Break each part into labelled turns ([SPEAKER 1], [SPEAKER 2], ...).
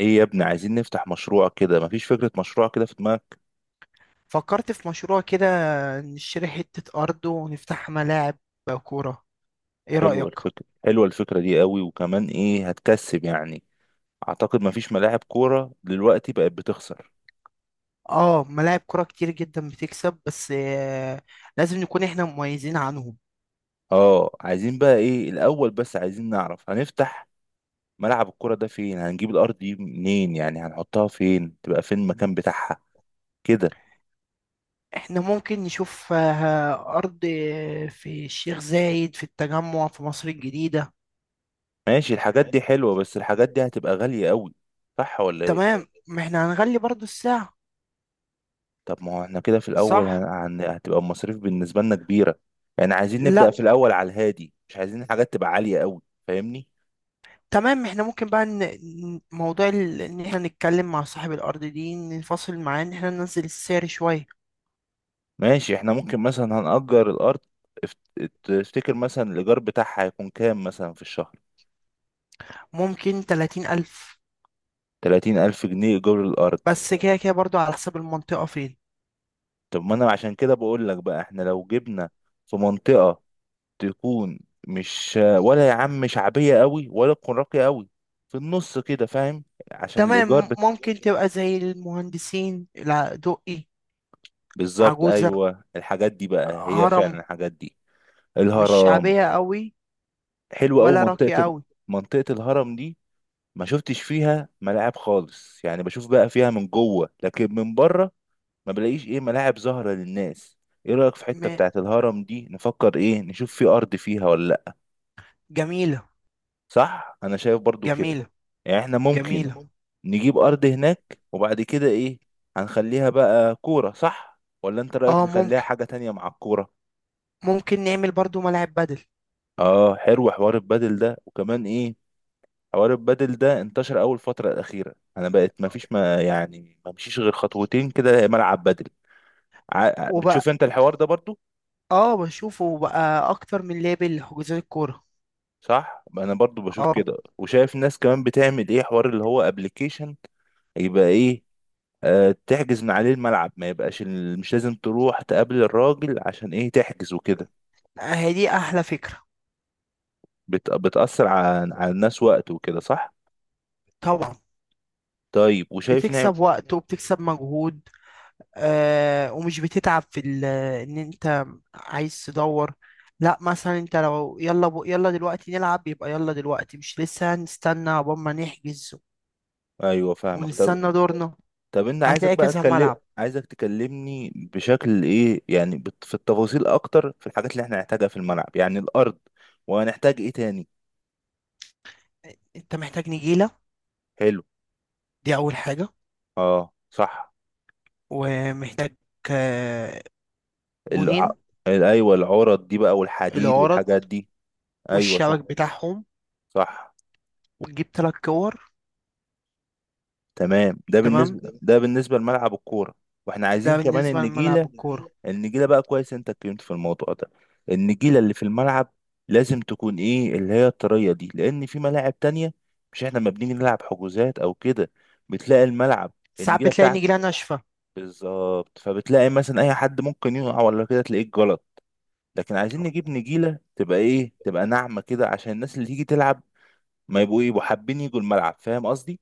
[SPEAKER 1] ايه يا ابني، عايزين نفتح مشروع كده. مفيش فكرة مشروع كده في دماغك؟
[SPEAKER 2] فكرت في مشروع كده. نشتري حتة أرض ونفتح ملاعب كورة. إيه
[SPEAKER 1] حلوة
[SPEAKER 2] رأيك؟
[SPEAKER 1] الفكرة، حلوة الفكرة دي قوي، وكمان ايه هتكسب يعني. اعتقد مفيش ملاعب كورة دلوقتي بقت بتخسر.
[SPEAKER 2] آه، ملاعب كورة كتير جدا بتكسب، بس لازم نكون إحنا مميزين عنهم.
[SPEAKER 1] اه، عايزين بقى ايه الاول، بس عايزين نعرف هنفتح ملعب الكورة ده فين، هنجيب الارض دي منين، يعني هنحطها فين، تبقى فين المكان بتاعها كده.
[SPEAKER 2] إحنا ممكن نشوف أرض في الشيخ زايد، في التجمع، في مصر الجديدة.
[SPEAKER 1] ماشي، الحاجات دي حلوة بس الحاجات دي هتبقى غالية قوي، صح ولا ايه؟
[SPEAKER 2] تمام، ما إحنا هنغلي برضو الساعة.
[SPEAKER 1] طب ما هو احنا كده في الاول
[SPEAKER 2] صح؟
[SPEAKER 1] هتبقى المصاريف بالنسبه لنا كبيره. يعني عايزين نبدا
[SPEAKER 2] لا،
[SPEAKER 1] في الاول على الهادي، مش عايزين حاجات تبقى عاليه قوي. فاهمني؟
[SPEAKER 2] تمام. إحنا ممكن بقى إن إحنا نتكلم مع صاحب الأرض دي، ننفصل معاه إن إحنا ننزل السعر شوية.
[SPEAKER 1] ماشي، احنا ممكن مثلا هنأجر الارض. تفتكر مثلا الايجار بتاعها هيكون كام مثلا في الشهر؟
[SPEAKER 2] ممكن 30000.
[SPEAKER 1] 30000 ألف جنيه ايجار الارض؟
[SPEAKER 2] بس كده كده برضو على حسب المنطقة فين.
[SPEAKER 1] طب ما انا عشان كده بقول لك بقى احنا لو جبنا في منطقه تكون، مش ولا يا عم شعبيه قوي ولا تكون راقيه قوي، في النص كده فاهم، عشان الايجار.
[SPEAKER 2] تمام، ممكن تبقى زي المهندسين، لا دقي،
[SPEAKER 1] بالظبط،
[SPEAKER 2] عجوزة،
[SPEAKER 1] ايوه الحاجات دي بقى هي
[SPEAKER 2] هرم.
[SPEAKER 1] فعلا الحاجات دي.
[SPEAKER 2] مش
[SPEAKER 1] الهرم.
[SPEAKER 2] شعبية قوي
[SPEAKER 1] حلوه قوي
[SPEAKER 2] ولا راقية قوي.
[SPEAKER 1] منطقه الهرم دي. ما شفتش فيها ملاعب خالص، يعني بشوف بقى فيها من جوه لكن من بره ما بلاقيش ايه ملاعب ظاهره للناس. ايه رايك في حته
[SPEAKER 2] م...
[SPEAKER 1] بتاعه الهرم دي، نفكر ايه، نشوف في ارض فيها ولا لا؟
[SPEAKER 2] جميلة،
[SPEAKER 1] صح، انا شايف برضو كده.
[SPEAKER 2] جميلة،
[SPEAKER 1] يعني احنا ممكن
[SPEAKER 2] جميلة. ممكن.
[SPEAKER 1] نجيب ارض هناك، وبعد كده ايه، هنخليها بقى كوره، صح ولا انت رايك
[SPEAKER 2] اه
[SPEAKER 1] نخليها
[SPEAKER 2] ممكن،
[SPEAKER 1] حاجه تانية مع الكوره؟
[SPEAKER 2] ممكن نعمل برضو ملاعب بدل.
[SPEAKER 1] اه، حلو حوار البادل ده، وكمان ايه، حوار البادل ده انتشر اول فترة الأخيرة، انا بقت ما فيش ما يعني ما مشيش غير خطوتين كده ملعب بادل.
[SPEAKER 2] وبقى
[SPEAKER 1] بتشوف انت الحوار ده برضو؟
[SPEAKER 2] اه، بشوفه بقى اكتر من لابل لحجوزات الكورة.
[SPEAKER 1] صح، انا برضو بشوف
[SPEAKER 2] اه،
[SPEAKER 1] كده، وشايف ناس كمان بتعمل ايه حوار اللي هو ابلكيشن، يبقى ايه، آه تحجز من عليه الملعب، ما يبقاش مش لازم تروح تقابل الراجل عشان ايه تحجز وكده.
[SPEAKER 2] هي دي احلى فكرة.
[SPEAKER 1] بتأثر على الناس وقت وكده، صح.
[SPEAKER 2] طبعا،
[SPEAKER 1] طيب، وشايف، نعم.
[SPEAKER 2] بتكسب وقت وبتكسب مجهود. آه، ومش بتتعب ان انت عايز تدور. لا، مثلا انت لو يلا دلوقتي نلعب، يبقى يلا دلوقتي. مش لسه هنستنى عقبال ما نحجز، ايوه،
[SPEAKER 1] ايوه فاهمك. طب،
[SPEAKER 2] ونستنى دورنا.
[SPEAKER 1] انت عايزك
[SPEAKER 2] هتلاقي
[SPEAKER 1] بقى
[SPEAKER 2] كذا
[SPEAKER 1] اتكلم.
[SPEAKER 2] ملعب.
[SPEAKER 1] عايزك تكلمني بشكل ايه، يعني في التفاصيل اكتر، في الحاجات اللي احنا هنحتاجها في الملعب، يعني الارض، وهنحتاج ايه تاني؟
[SPEAKER 2] انت محتاج نجيلة،
[SPEAKER 1] حلو.
[SPEAKER 2] دي اول حاجة.
[SPEAKER 1] اه صح.
[SPEAKER 2] ومحتاج آه،
[SPEAKER 1] الع...
[SPEAKER 2] جونين،
[SPEAKER 1] ايوه العرض دي بقى، والحديد
[SPEAKER 2] العرض
[SPEAKER 1] والحاجات دي. ايوه
[SPEAKER 2] والشبك
[SPEAKER 1] صح.
[SPEAKER 2] بتاعهم،
[SPEAKER 1] صح.
[SPEAKER 2] وتجيب تلات كور.
[SPEAKER 1] تمام، ده
[SPEAKER 2] تمام.
[SPEAKER 1] بالنسبه
[SPEAKER 2] ده
[SPEAKER 1] ده بالنسبه لملعب الكوره. واحنا عايزين
[SPEAKER 2] ده
[SPEAKER 1] كمان
[SPEAKER 2] بالنسبة لملعب
[SPEAKER 1] النجيله.
[SPEAKER 2] الكورة.
[SPEAKER 1] النجيله بقى، كويس انت اتكلمت في الموضوع ده. النجيله اللي في الملعب لازم تكون ايه، اللي هي الطريه دي، لان في ملاعب تانية مش احنا ما بنيجي نلعب حجوزات او كده، بتلاقي الملعب،
[SPEAKER 2] ساعات
[SPEAKER 1] النجيله
[SPEAKER 2] بتلاقي
[SPEAKER 1] بتاعت،
[SPEAKER 2] نجيلة ناشفة.
[SPEAKER 1] بالظبط، فبتلاقي مثلا اي حد ممكن يقع ولا كده، تلاقيه غلط. لكن عايزين نجيب نجيله تبقى ايه، تبقى ناعمه كده عشان الناس اللي تيجي تلعب ما يبقوا ايه، يبقوا حابين يجوا الملعب. فاهم قصدي؟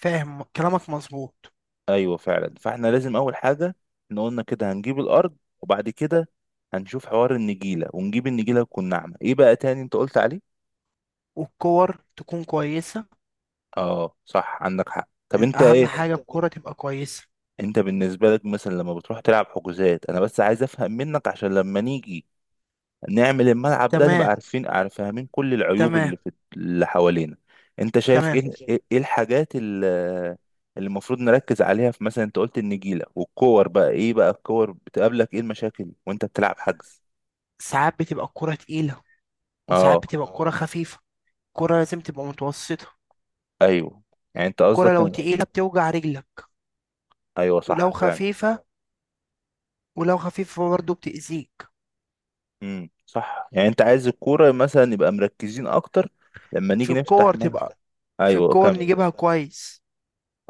[SPEAKER 2] فاهم كلامك، مظبوط.
[SPEAKER 1] ايوه فعلا، فاحنا لازم اول حاجه، احنا قلنا كده هنجيب الارض، وبعد كده هنشوف حوار النجيله، ونجيب النجيله تكون ناعمه. ايه بقى تاني انت قلت عليه؟
[SPEAKER 2] والكور تكون كويسة.
[SPEAKER 1] اه صح، عندك حق. طب انت
[SPEAKER 2] اهم
[SPEAKER 1] ايه،
[SPEAKER 2] حاجه الكوره تبقى كويسه.
[SPEAKER 1] انت بالنسبه لك مثلا لما بتروح تلعب حجوزات، انا بس عايز افهم منك عشان لما نيجي نعمل الملعب ده نبقى
[SPEAKER 2] تمام،
[SPEAKER 1] عارفين، فاهمين كل العيوب
[SPEAKER 2] تمام،
[SPEAKER 1] اللي في اللي حوالينا. انت شايف
[SPEAKER 2] تمام.
[SPEAKER 1] ايه ايه إيه الحاجات اللي المفروض نركز عليها؟ في مثلا انت قلت النجيلة والكور، بقى ايه بقى الكور، بتقابلك ايه المشاكل وانت بتلعب حجز؟
[SPEAKER 2] ساعات بتبقى الكوره تقيله، وساعات
[SPEAKER 1] اه.
[SPEAKER 2] بتبقى الكوره خفيفه. الكوره لازم تبقى متوسطه.
[SPEAKER 1] ايوه، يعني انت
[SPEAKER 2] الكوره
[SPEAKER 1] قصدك
[SPEAKER 2] لو تقيله بتوجع رجلك،
[SPEAKER 1] ايوه
[SPEAKER 2] ولو
[SPEAKER 1] صح فعلا.
[SPEAKER 2] خفيفه ولو خفيفه برضه بتأذيك.
[SPEAKER 1] صح، يعني انت عايز الكورة مثلا نبقى مركزين اكتر لما
[SPEAKER 2] في
[SPEAKER 1] نيجي نفتح
[SPEAKER 2] الكور
[SPEAKER 1] ملعب.
[SPEAKER 2] تبقى في
[SPEAKER 1] ايوه
[SPEAKER 2] الكور
[SPEAKER 1] كمل.
[SPEAKER 2] نجيبها كويس.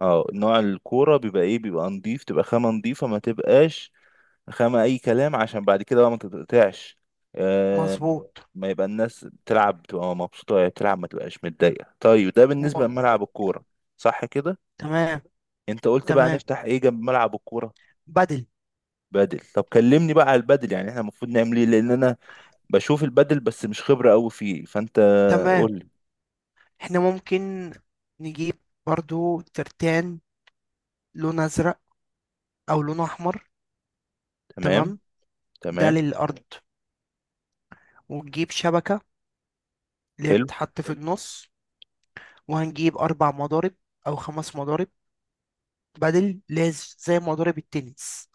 [SPEAKER 1] اه، نوع الكورة بيبقى ايه، بيبقى نضيف، تبقى خامة نضيفة، ما تبقاش خامة أي كلام، عشان بعد كده بقى ما تتقطعش. آه،
[SPEAKER 2] مظبوط.
[SPEAKER 1] ما يبقى الناس بتلعب بتبقى مبسوطة وهي بتلعب، ما تبقاش متضايقة. طيب، ده بالنسبة
[SPEAKER 2] م...
[SPEAKER 1] لملعب الكورة، صح كده؟
[SPEAKER 2] تمام،
[SPEAKER 1] أنت قلت بقى
[SPEAKER 2] تمام،
[SPEAKER 1] نفتح إيه جنب ملعب الكورة؟
[SPEAKER 2] بدل.
[SPEAKER 1] بدل. طب كلمني بقى على البدل، يعني احنا المفروض نعمل ايه؟ لأن أنا بشوف البدل بس مش خبرة أوي فيه، فأنت
[SPEAKER 2] تمام،
[SPEAKER 1] قول لي.
[SPEAKER 2] احنا ممكن نجيب برضو ترتان، لون ازرق او لون احمر.
[SPEAKER 1] تمام.
[SPEAKER 2] تمام. ده
[SPEAKER 1] تمام.
[SPEAKER 2] للارض. ونجيب شبكة، اللي هي
[SPEAKER 1] حلو.
[SPEAKER 2] بتتحط في النص. وهنجيب أربع مضارب أو خمس مضارب بدل، زي مضارب التنس.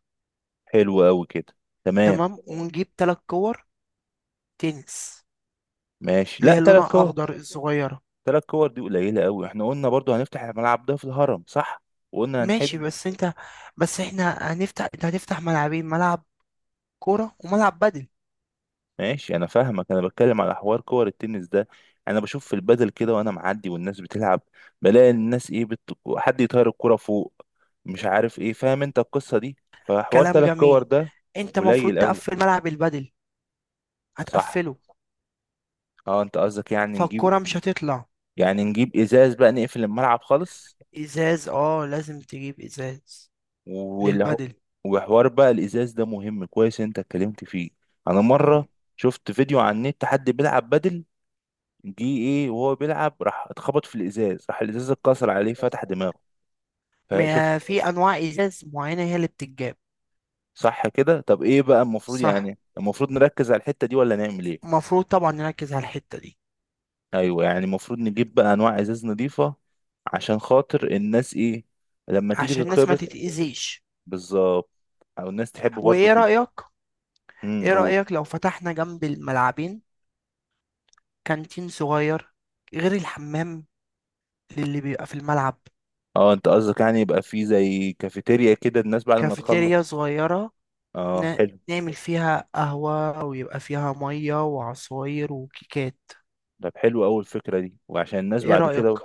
[SPEAKER 1] حلو أوي كده. تمام.
[SPEAKER 2] تمام، ونجيب تلات كور تنس،
[SPEAKER 1] ماشي،
[SPEAKER 2] اللي
[SPEAKER 1] لا
[SPEAKER 2] هي
[SPEAKER 1] تلات
[SPEAKER 2] لونها
[SPEAKER 1] كور؟
[SPEAKER 2] أخضر، الصغيرة.
[SPEAKER 1] تلات كور دي قليلة أوي، احنا قلنا برضو هنفتح الملعب ده في الهرم، صح، وقلنا
[SPEAKER 2] ماشي،
[SPEAKER 1] هنحب.
[SPEAKER 2] بس أنت، بس إحنا هنفتح، أنت هتفتح ملعبين: ملعب كورة وملعب بدل.
[SPEAKER 1] ماشي، انا فاهمك، انا بتكلم على حوار كور التنس ده. انا بشوف في البدل كده وانا معدي والناس بتلعب، بلاقي الناس ايه حد يطير الكرة فوق، مش عارف ايه، فاهم انت القصة دي؟ فحوار
[SPEAKER 2] كلام
[SPEAKER 1] تلات كور
[SPEAKER 2] جميل.
[SPEAKER 1] ده
[SPEAKER 2] أنت مفروض
[SPEAKER 1] قليل قوي.
[SPEAKER 2] تقفل ملعب البدل،
[SPEAKER 1] صح.
[SPEAKER 2] هتقفله،
[SPEAKER 1] اه، انت قصدك يعني نجيب،
[SPEAKER 2] فالكورة مش هتطلع.
[SPEAKER 1] يعني نجيب ازاز بقى نقفل الملعب خالص؟
[SPEAKER 2] إزاز، اه لازم تجيب إزاز
[SPEAKER 1] والح...
[SPEAKER 2] للبدل.
[SPEAKER 1] وحوار بقى الازاز ده مهم، كويس انت اتكلمت فيه. انا مرة شفت فيديو على النت، حد بيلعب بدل، جه ايه وهو بيلعب، راح اتخبط في الازاز، راح الازاز اتكسر عليه، فتح دماغه. فشفت.
[SPEAKER 2] ما في انواع ازاز معينه هي اللي بتتجاب.
[SPEAKER 1] صح كده. طب ايه بقى المفروض،
[SPEAKER 2] صح،
[SPEAKER 1] يعني المفروض نركز على الحتة دي ولا نعمل ايه؟
[SPEAKER 2] المفروض طبعا نركز على الحتة دي.
[SPEAKER 1] ايوه، يعني المفروض نجيب بقى انواع ازاز نظيفة عشان خاطر الناس ايه، لما تيجي
[SPEAKER 2] عشان الناس ما
[SPEAKER 1] تتخبط.
[SPEAKER 2] تتأذيش.
[SPEAKER 1] بالظبط. او الناس تحب برضو
[SPEAKER 2] وإيه
[SPEAKER 1] تيجي.
[SPEAKER 2] رأيك؟ إيه
[SPEAKER 1] قول.
[SPEAKER 2] رأيك لو فتحنا جنب الملعبين كانتين صغير، غير الحمام اللي بيبقى في الملعب.
[SPEAKER 1] اه انت قصدك يعني يبقى في زي كافيتيريا كده الناس بعد ما تخلص.
[SPEAKER 2] كافيتيريا صغيرة.
[SPEAKER 1] اه
[SPEAKER 2] ن...
[SPEAKER 1] حلو.
[SPEAKER 2] نعمل فيها قهوة، ويبقى فيها مية وعصاير وكيكات.
[SPEAKER 1] طب حلو أوي الفكرة دي، وعشان الناس
[SPEAKER 2] إيه
[SPEAKER 1] بعد
[SPEAKER 2] رأيك؟
[SPEAKER 1] كده.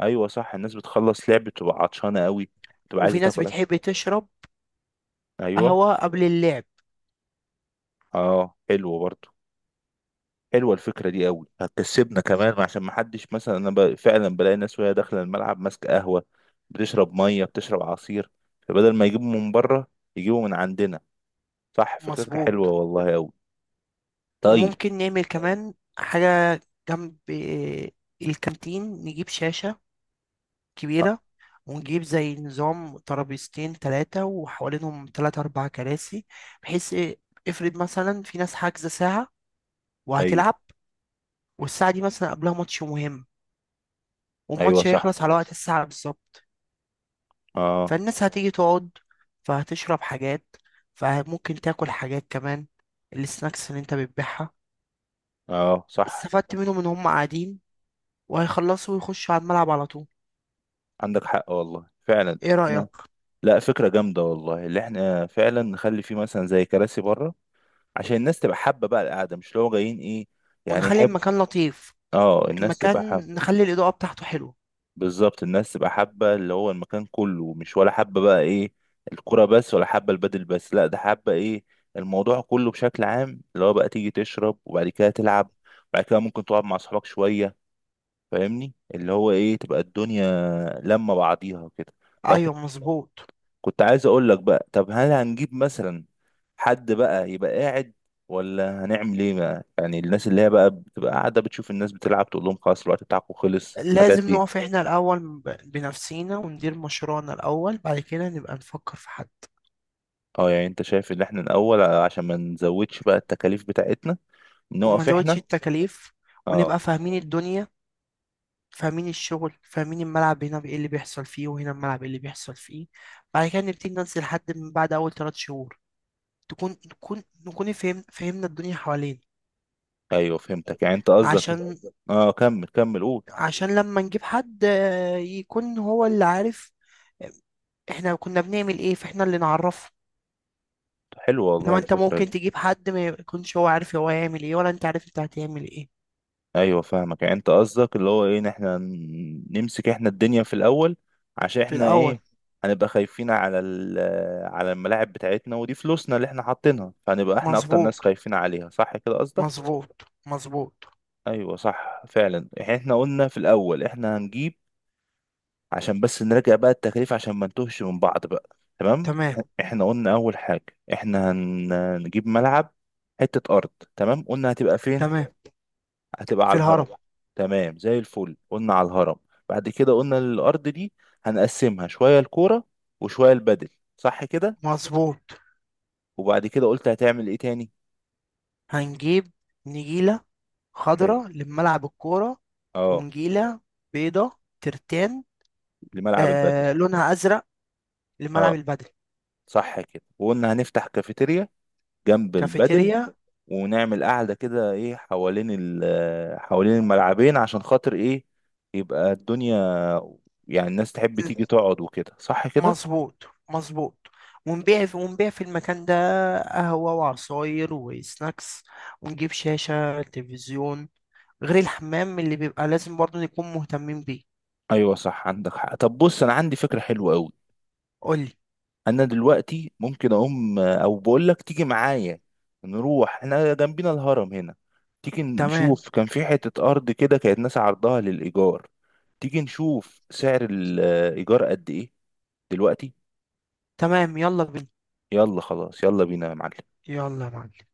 [SPEAKER 1] أيوة صح، الناس بتخلص لعب بتبقى عطشانة أوي، بتبقى
[SPEAKER 2] وفي
[SPEAKER 1] عايزة
[SPEAKER 2] ناس
[SPEAKER 1] تاكل.
[SPEAKER 2] بتحب تشرب
[SPEAKER 1] أيوة.
[SPEAKER 2] قهوة قبل اللعب.
[SPEAKER 1] أه حلوة برضه. حلوة الفكرة دي أوي، هتكسبنا كمان عشان محدش، مثلا أنا فعلا بلاقي ناس وهي داخلة الملعب ماسكة قهوة، بتشرب مية، بتشرب عصير. فبدل ما يجيبوا من بره يجيبوا من عندنا. صح، فكرتك
[SPEAKER 2] مظبوط.
[SPEAKER 1] حلوة والله أوي. طيب.
[SPEAKER 2] وممكن نعمل كمان حاجة جنب الكانتين، نجيب شاشة
[SPEAKER 1] أ-
[SPEAKER 2] كبيرة، ونجيب زي نظام ترابيزتين تلاتة، وحوالينهم تلاتة أربع كراسي. بحيث إيه؟ افرض مثلا في ناس حاجزة ساعة
[SPEAKER 1] أيوة.
[SPEAKER 2] وهتلعب، والساعة دي مثلا قبلها ماتش مهم،
[SPEAKER 1] أيوة
[SPEAKER 2] والماتش
[SPEAKER 1] صح.
[SPEAKER 2] هيخلص على وقت الساعة بالظبط.
[SPEAKER 1] أه.
[SPEAKER 2] فالناس هتيجي تقعد، فهتشرب حاجات، فممكن تاكل حاجات كمان، السناكس اللي انت بتبيعها.
[SPEAKER 1] أه صح،
[SPEAKER 2] استفدت منهم ان هم قاعدين وهيخلصوا ويخشوا على الملعب على طول.
[SPEAKER 1] عندك حق والله فعلا.
[SPEAKER 2] ايه رأيك؟
[SPEAKER 1] لا فكرة جامدة والله، اللي احنا فعلا نخلي فيه مثلا زي كراسي بره عشان الناس تبقى حابة بقى القعدة، مش اللي هو جايين ايه، يعني
[SPEAKER 2] ونخلي
[SPEAKER 1] يحب.
[SPEAKER 2] المكان لطيف،
[SPEAKER 1] اه، الناس تبقى
[SPEAKER 2] المكان،
[SPEAKER 1] حابة.
[SPEAKER 2] نخلي الإضاءة بتاعته حلوة.
[SPEAKER 1] بالظبط، الناس تبقى حابة اللي هو المكان كله، مش ولا حابة بقى ايه الكرة بس، ولا حابة البدل بس، لا ده حابة ايه الموضوع كله بشكل عام، اللي هو بقى تيجي تشرب وبعد كده تلعب، وبعد كده ممكن تقعد مع اصحابك شوية. فاهمني اللي هو ايه، تبقى الدنيا لما بعضيها كده. طب،
[SPEAKER 2] ايوه، مظبوط.
[SPEAKER 1] كنت عايز اقول لك بقى، طب هل هنجيب مثلا حد بقى يبقى قاعد، ولا هنعمل ايه بقى، يعني الناس اللي هي بقى بتبقى قاعده بتشوف الناس بتلعب، تقول لهم خلاص الوقت بتاعكم خلص، الحاجات
[SPEAKER 2] لازم
[SPEAKER 1] دي.
[SPEAKER 2] نقف احنا الاول بنفسينا وندير مشروعنا الاول، بعد كده نبقى نفكر في حد.
[SPEAKER 1] اه، يعني انت شايف ان احنا الاول عشان ما نزودش بقى التكاليف بتاعتنا،
[SPEAKER 2] وما
[SPEAKER 1] نقف
[SPEAKER 2] نزودش
[SPEAKER 1] احنا.
[SPEAKER 2] التكاليف،
[SPEAKER 1] اه.
[SPEAKER 2] ونبقى فاهمين الدنيا، فاهمين الشغل، فاهمين الملعب هنا ايه اللي بيحصل فيه، وهنا الملعب ايه اللي بيحصل فيه. بعد كده نبتدي ننزل حد من بعد اول 3 شهور، تكون نكون نكون فهم فهمنا الدنيا حوالين.
[SPEAKER 1] ايوه فهمتك، يعني انت قصدك.
[SPEAKER 2] عشان
[SPEAKER 1] اه كمل كمل قول.
[SPEAKER 2] عشان لما نجيب حد يكون هو اللي عارف احنا كنا بنعمل ايه، فاحنا اللي نعرفه.
[SPEAKER 1] حلو والله
[SPEAKER 2] انما انت
[SPEAKER 1] الفكره
[SPEAKER 2] ممكن
[SPEAKER 1] دي.
[SPEAKER 2] تجيب حد ما يكونش هو عارف هو هيعمل ايه، ولا انت عارف انت هتعمل ايه
[SPEAKER 1] ايوه فاهمك، يعني انت قصدك اللي هو ايه، ان احنا نمسك احنا الدنيا في الاول عشان
[SPEAKER 2] في
[SPEAKER 1] احنا
[SPEAKER 2] الاول.
[SPEAKER 1] ايه، هنبقى خايفين على على الملاعب بتاعتنا، ودي فلوسنا اللي احنا حاطينها، فهنبقى احنا اكتر ناس
[SPEAKER 2] مظبوط،
[SPEAKER 1] خايفين عليها، صح كده قصدك؟
[SPEAKER 2] مظبوط، مظبوط.
[SPEAKER 1] ايوه صح فعلا. يعني احنا قلنا في الاول احنا هنجيب، عشان بس نراجع بقى التكاليف عشان ما نتوهش من بعض بقى. تمام،
[SPEAKER 2] تمام،
[SPEAKER 1] احنا قلنا اول حاجه، احنا هنجيب ملعب، حته ارض. تمام. قلنا هتبقى فين،
[SPEAKER 2] تمام.
[SPEAKER 1] هتبقى على
[SPEAKER 2] في
[SPEAKER 1] الهرم.
[SPEAKER 2] الهرم.
[SPEAKER 1] تمام زي الفل، قلنا على الهرم. بعد كده قلنا الأرض دي هنقسمها شوية الكورة وشوية البدل، صح كده؟
[SPEAKER 2] مظبوط.
[SPEAKER 1] وبعد كده قلت هتعمل ايه تاني؟
[SPEAKER 2] هنجيب نجيلة
[SPEAKER 1] حلو.
[SPEAKER 2] خضراء لملعب الكورة.
[SPEAKER 1] اه.
[SPEAKER 2] ونجيلة بيضة ترتان،
[SPEAKER 1] لملعب البدل.
[SPEAKER 2] آه لونها أزرق، لملعب
[SPEAKER 1] اه
[SPEAKER 2] البدل.
[SPEAKER 1] صح كده، وقلنا هنفتح كافيتيريا جنب البدل،
[SPEAKER 2] كافيتيريا.
[SPEAKER 1] ونعمل قاعدة كده ايه حوالين حوالين الملعبين، عشان خاطر ايه، يبقى الدنيا، يعني الناس تحب تيجي تقعد وكده، صح كده.
[SPEAKER 2] مظبوط، مظبوط. ونبيع في المكان ده قهوة وعصاير وسناكس. ونجيب شاشة تلفزيون. غير الحمام، اللي بيبقى لازم برضه نكون مهتمين بيه.
[SPEAKER 1] ايوه صح، عندك حق. طب بص انا عندي فكرة حلوة قوي.
[SPEAKER 2] قولي.
[SPEAKER 1] انا دلوقتي ممكن اقوم، او بقول لك تيجي معايا نروح احنا جنبنا الهرم هنا، تيجي
[SPEAKER 2] تمام،
[SPEAKER 1] نشوف كان في حتة ارض كده كانت ناس عرضها للايجار، تيجي نشوف سعر الايجار قد ايه دلوقتي.
[SPEAKER 2] تمام، يلا بينا.
[SPEAKER 1] يلا خلاص، يلا بينا يا معلم.
[SPEAKER 2] يلا يا معلم.